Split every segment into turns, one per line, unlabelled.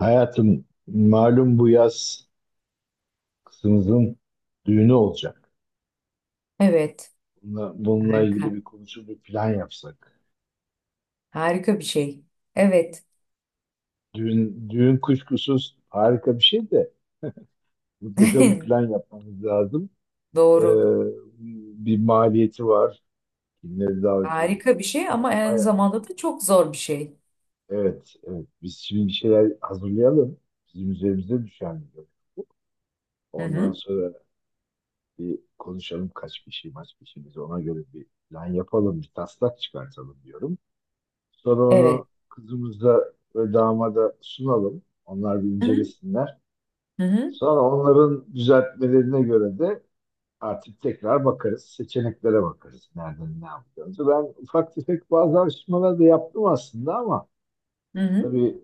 Hayatım malum bu yaz kızımızın düğünü olacak.
Evet.
Bununla ilgili
Harika.
bir konuşup bir plan yapsak.
Harika bir şey. Evet.
Düğün kuşkusuz harika bir şey de mutlaka bir plan yapmamız lazım. Ee,
Doğru.
Bir maliyeti var. Kimleri davet edeceğiz?
Harika bir şey
Baya,
ama aynı
baya,
zamanda da çok zor bir şey.
evet, evet. Biz şimdi bir şeyler hazırlayalım. Bizim üzerimize düşen bir görev bu.
Hı
Ondan
hı.
sonra bir konuşalım kaç kişi biz, ona göre bir plan yapalım, bir taslak çıkartalım diyorum. Sonra
Evet.
onu kızımıza ve damada sunalım. Onlar bir
Hı hı.
incelesinler.
Hı hı.
Sonra onların düzeltmelerine göre de artık tekrar bakarız. Seçeneklere bakarız. Nereden ne yapacağımızı. Ben ufak tefek bazı araştırmalar da yaptım aslında ama
Hı hı.
tabii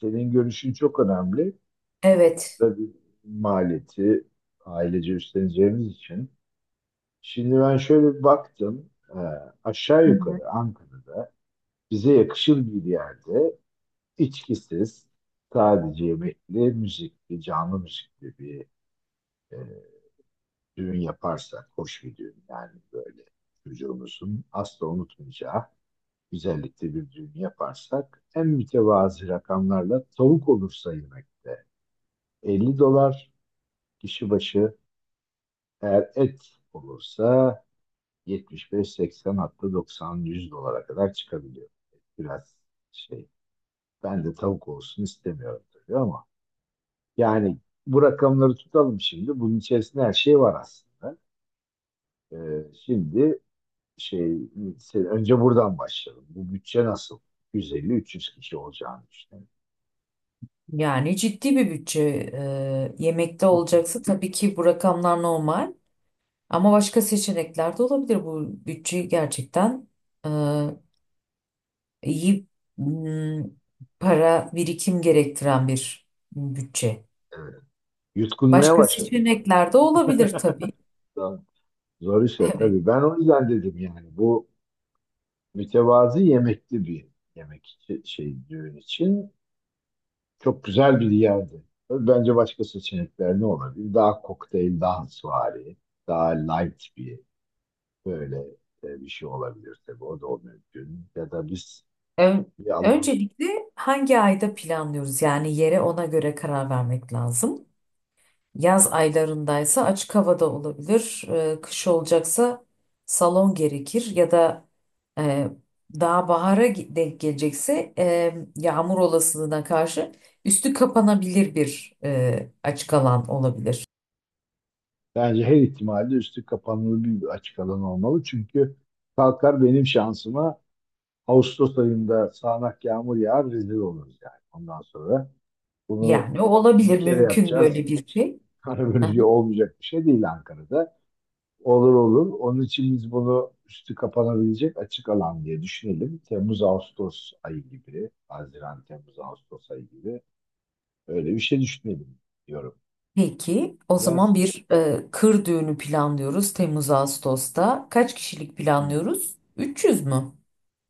senin görüşün çok önemli.
Evet.
Sonuçta bir maliyeti ailece üstleneceğimiz için. Şimdi ben şöyle bir baktım. Ee, Aşağı
Hı hı.
yukarı Ankara'da bize yakışır bir yerde, İçkisiz, sadece yemekli, müzikli, canlı müzikli bir e, düğün yaparsak, hoş bir düğün yani, böyle çocuğumuzun asla unutmayacağı güzellikte bir düğün yaparsak, en mütevazi rakamlarla, tavuk olursa yemekte 50 dolar kişi başı, eğer et olursa 75-80, hatta 90-100 dolara kadar çıkabiliyor. Biraz şey ben de tavuk olsun istemiyorum tabii ama, yani bu rakamları tutalım şimdi. Bunun içerisinde her şey var aslında. Şimdi şey önce buradan başlayalım. Bu bütçe nasıl? 150-300 kişi olacağını düşünüyorum.
Yani ciddi bir bütçe, yemekte
Çok,
olacaksa tabii ki bu rakamlar normal. Ama başka seçenekler de olabilir. Bu bütçeyi gerçekten e, iyi m, para birikim gerektiren bir bütçe.
evet. Yutkunmaya
Başka
başladım.
seçenekler de olabilir tabii.
Tamam. Zor işler
Evet.
tabii. Ben o yüzden dedim yani, bu mütevazı yemekli bir yemek için- şey düğün için çok güzel bir yerdi. Tabii bence başka seçenekler ne olabilir? Daha kokteyl, daha suvari, daha light bir böyle bir şey olabilir tabii. O da mümkün. Ya da biz
Ön-
bir alan
Öncelikle hangi ayda planlıyoruz? Yani yere ona göre karar vermek lazım. Yaz aylarındaysa açık havada olabilir. Kış olacaksa salon gerekir ya da e, daha bahara denk gelecekse, yağmur olasılığına karşı üstü kapanabilir bir açık alan olabilir.
bence her ihtimalle üstü kapanılı bir açık alan olmalı. Çünkü kalkar benim şansıma, Ağustos ayında sağanak yağmur yağar, rezil oluruz yani. Ondan sonra bunu
Yani o
bir
olabilir
kere
mümkün
yapacağız.
böyle bir şey.
Sonra böylece olmayacak bir şey değil Ankara'da. Olur olur. Onun için biz bunu üstü kapanabilecek açık alan diye düşünelim. Temmuz-Ağustos ayı gibi, Haziran-Temmuz-Ağustos ayı gibi öyle bir şey düşünelim diyorum.
Peki, o
Ne
zaman
dersin?
bir kır düğünü planlıyoruz Temmuz-Ağustos'ta. Kaç kişilik
Hmm.
planlıyoruz? 300 mü?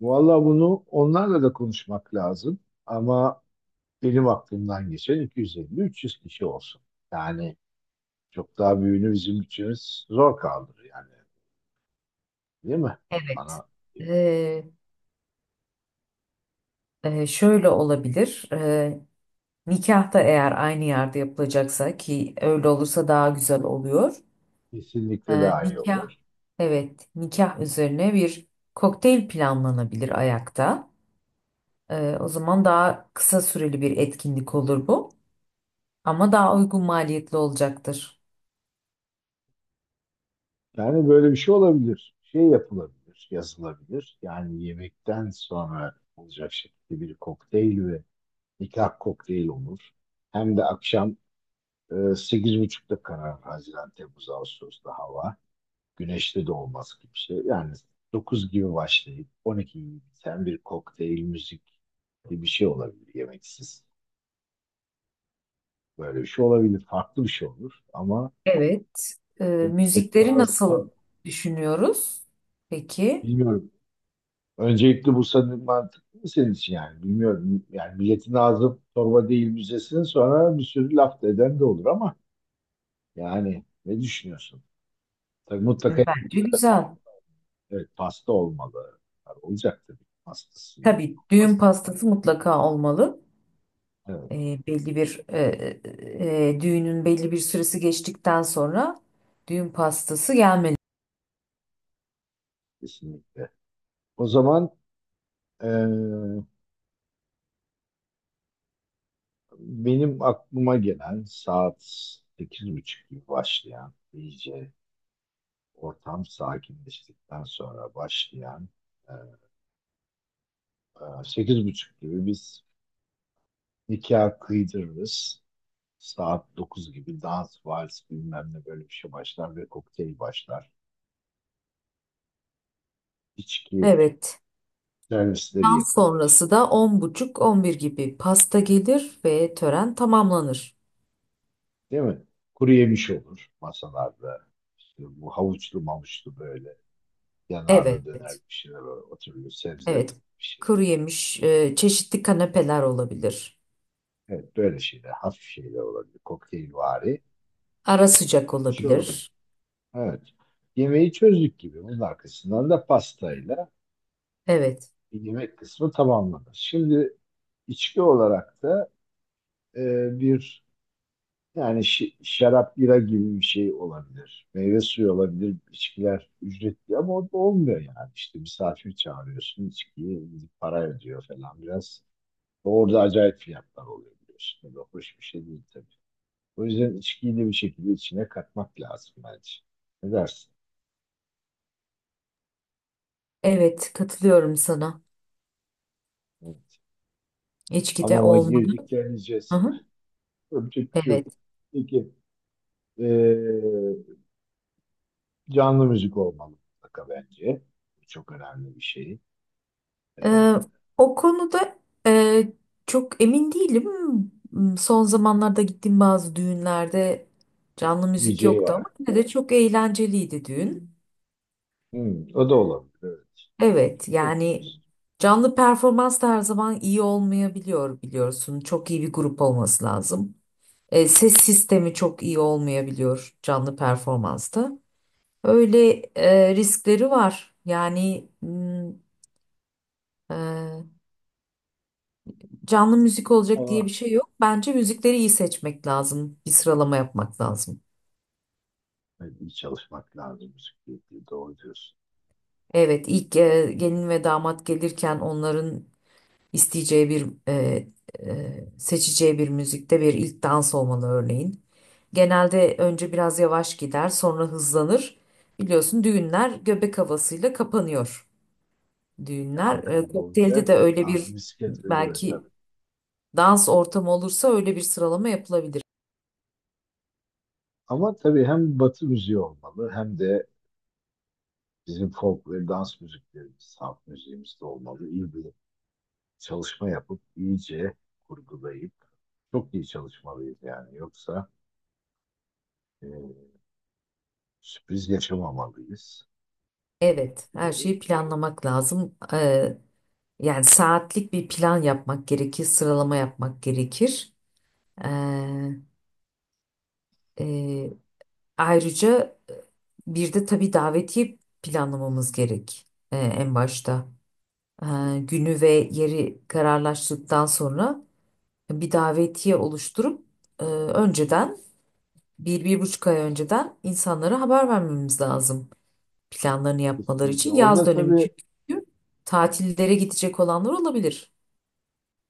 Valla bunu onlarla da konuşmak lazım. Ama benim aklımdan geçen 250-300 kişi olsun. Yani çok daha büyüğünü bizim bütçemiz zor kaldırır yani. Değil mi?
Evet.
Bana
Ee, şöyle olabilir. Nikahta eğer aynı yerde yapılacaksa ki öyle olursa daha güzel oluyor.
Kesinlikle
Ee,
daha iyi
nikah,
olur.
evet, nikah üzerine bir kokteyl planlanabilir ayakta. O zaman daha kısa süreli bir etkinlik olur bu. Ama daha uygun maliyetli olacaktır.
Yani böyle bir şey olabilir. Şey yapılabilir, yazılabilir. Yani yemekten sonra olacak şekilde bir kokteyl ve nikah kokteyli olur. Hem de akşam 8:30'da karar, Haziran, Temmuz, Ağustos'ta hava. Güneşli de olmaz gibi bir şey. Yani 9 gibi başlayıp 12 gibi biten bir kokteyl müzik gibi bir şey olabilir, yemeksiz. Böyle bir şey olabilir. Farklı bir şey olur ama
Evet. Ee,
milletin
müzikleri
ağzı
nasıl düşünüyoruz? Peki.
bilmiyorum. Öncelikle bu sanırım mantıklı mı senin için, yani bilmiyorum. Yani milletin ağzı torba değil, müzesin sonra, bir sürü laf da eden de olur ama yani ne düşünüyorsun? Tabii mutlaka.
Bence güzel.
Evet, pasta olmalı. Tabii olacak tabii. Pastası
Tabii düğün
olmaz.
pastası mutlaka olmalı.
Evet,
Ee, belli bir düğünün belli bir süresi geçtikten sonra düğün pastası gelmeli.
kesinlikle. O zaman eee, benim aklıma gelen saat 8:30 gibi başlayan, iyice ortam sakinleştikten sonra başlayan, eee, 8:30 gibi biz nikah kıydırırız. Saat 9 gibi dans, vals bilmem ne, böyle bir şey başlar ve kokteyl başlar. İçki
Evet.
servisleri
Dans
yapılır.
sonrası da 10.30 11 gibi pasta gelir ve tören tamamlanır.
Değil mi? Kuru yemiş olur masalarda. İşte bu havuçlu mamuçlu, böyle
Evet,
yanarlı döner bir şeyler olur, oturuyor. Sebze bir
evet.
şey.
Kuru yemiş, çeşitli kanepeler olabilir.
Evet, böyle şeyler. Hafif şeyler olabilir. Kokteylvari
Ara sıcak
bir şey olur.
olabilir.
Evet. Yemeği çözdük gibi. Bunun arkasından da pastayla
Evet,
yemek kısmı tamamlanır. Şimdi içki olarak da e, bir, yani şarap, bira gibi bir şey olabilir. Meyve suyu olabilir. İçkiler ücretli ama o da olmuyor yani. İşte misafir çağırıyorsun, içkiyi gidip para ödüyor falan biraz. Orada acayip fiyatlar oluyor biliyorsun. O da hoş bir şey değil tabii. O yüzden içkiyi de bir şekilde içine katmak lazım bence. Ne dersin?
evet katılıyorum sana.
Evet.
İçki de
Hamama
olmalı.
girdik, geleceğiz.
Aha,
Öpecek bir şey
evet.
yok. Peki, ee, canlı müzik olmalı mutlaka bence. Bu çok önemli bir şey. Ee,
Ee, o konuda e, çok emin değilim. Son zamanlarda gittiğim bazı düğünlerde canlı müzik
DJ
yoktu
var.
ama yine de çok eğlenceliydi düğün.
Hmm, o da olabilir. Evet. Böyle bir
Evet
şey de
yani
yapabiliriz.
canlı performans da her zaman iyi olmayabiliyor biliyorsun. Çok iyi bir grup olması lazım. Ses sistemi çok iyi olmayabiliyor canlı performansta. Öyle riskleri var. Yani e, canlı müzik olacak diye
Ama
bir şey yok. Bence müzikleri iyi seçmek lazım. Bir sıralama yapmak lazım.
hani iyi çalışmak lazım bisikletle. Doğru diyorsun.
Evet ilk gelin ve damat gelirken onların isteyeceği bir seçeceği bir müzikte bir ilk dans olmalı örneğin. Genelde önce biraz yavaş gider, sonra hızlanır. Biliyorsun düğünler göbek havasıyla kapanıyor.
Ya
Düğünler
Ankara'da
kokteylde de
olacak.
öyle
Aa,
bir
bisiklet ve göre
belki
tabii.
dans ortamı olursa öyle bir sıralama yapılabilir.
Ama tabii hem batı müziği olmalı, hem de bizim folk ve dans müziklerimiz, halk müziğimiz de olmalı. İyi bir çalışma yapıp iyice kurgulayıp çok iyi çalışmalıyız yani. Yoksa e, sürpriz yaşamamalıyız.
Evet, her
Peki.
şeyi planlamak lazım. Yani saatlik bir plan yapmak gerekir, sıralama yapmak gerekir. E, e, ayrıca e, bir de tabii davetiye planlamamız gerek, en başta. e, günü ve yeri kararlaştıktan sonra bir davetiye oluşturup önceden bir, 1,5 ay önceden insanlara haber vermemiz lazım. Planlarını yapmaları
Kesinlikle.
için yaz
Orada
dönemi
tabii.
çünkü tatillere gidecek olanlar olabilir.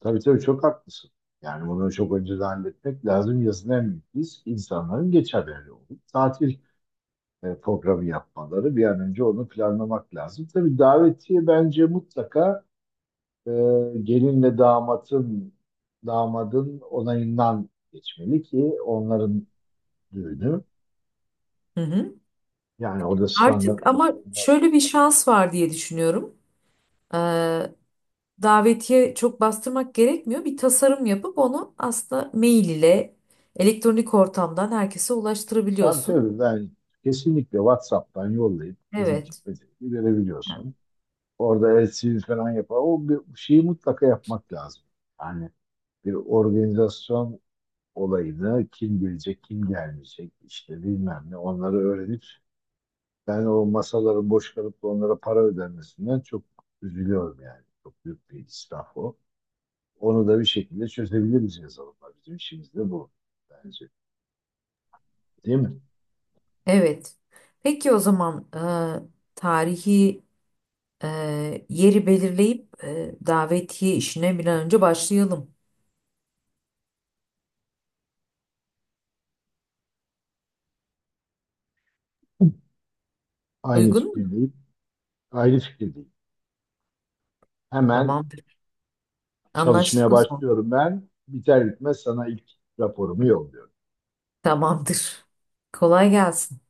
Tabii tabii, çok haklısın. Yani bunu çok önceden halletmek lazım. Yazın en büyük risk, insanların geçerleri olup tatil programı yapmaları. Bir an önce onu planlamak lazım. Tabii davetiye bence mutlaka e, gelinle damadın onayından geçmeli, ki onların düğünü.
Hı hı.
Yani orada
Artık
standart bir
ama
sorun var mı?
şöyle bir şans var diye düşünüyorum. E, davetiye çok bastırmak gerekmiyor. Bir tasarım yapıp onu aslında mail ile elektronik ortamdan herkese
Tabii
ulaştırabiliyorsun.
tabii, ben kesinlikle WhatsApp'tan yollayıp gidip
Evet.
gitmediğini görebiliyorsun. Orada LCD falan yapar. O bir şeyi mutlaka yapmak lazım. Yani bir organizasyon olayını, kim gelecek, kim gelmeyecek, işte bilmem ne, onları öğrenip, ben o masaların boş kalıp da onlara para ödenmesinden çok üzülüyorum yani. Çok büyük bir israf o. Onu da bir şekilde çözebiliriz yazılımla. Bizim işimiz de bu bence. Değil mi?
Evet. Peki o zaman tarihi, yeri belirleyip, davetiye işine bir an önce başlayalım.
Aynı
Uygun mu?
fikirdeyim. Aynı fikirdeyim. Hemen
Tamamdır.
çalışmaya
Anlaştık o zaman.
başlıyorum ben. Biter bitmez sana ilk raporumu yolluyorum.
Tamamdır. Kolay gelsin.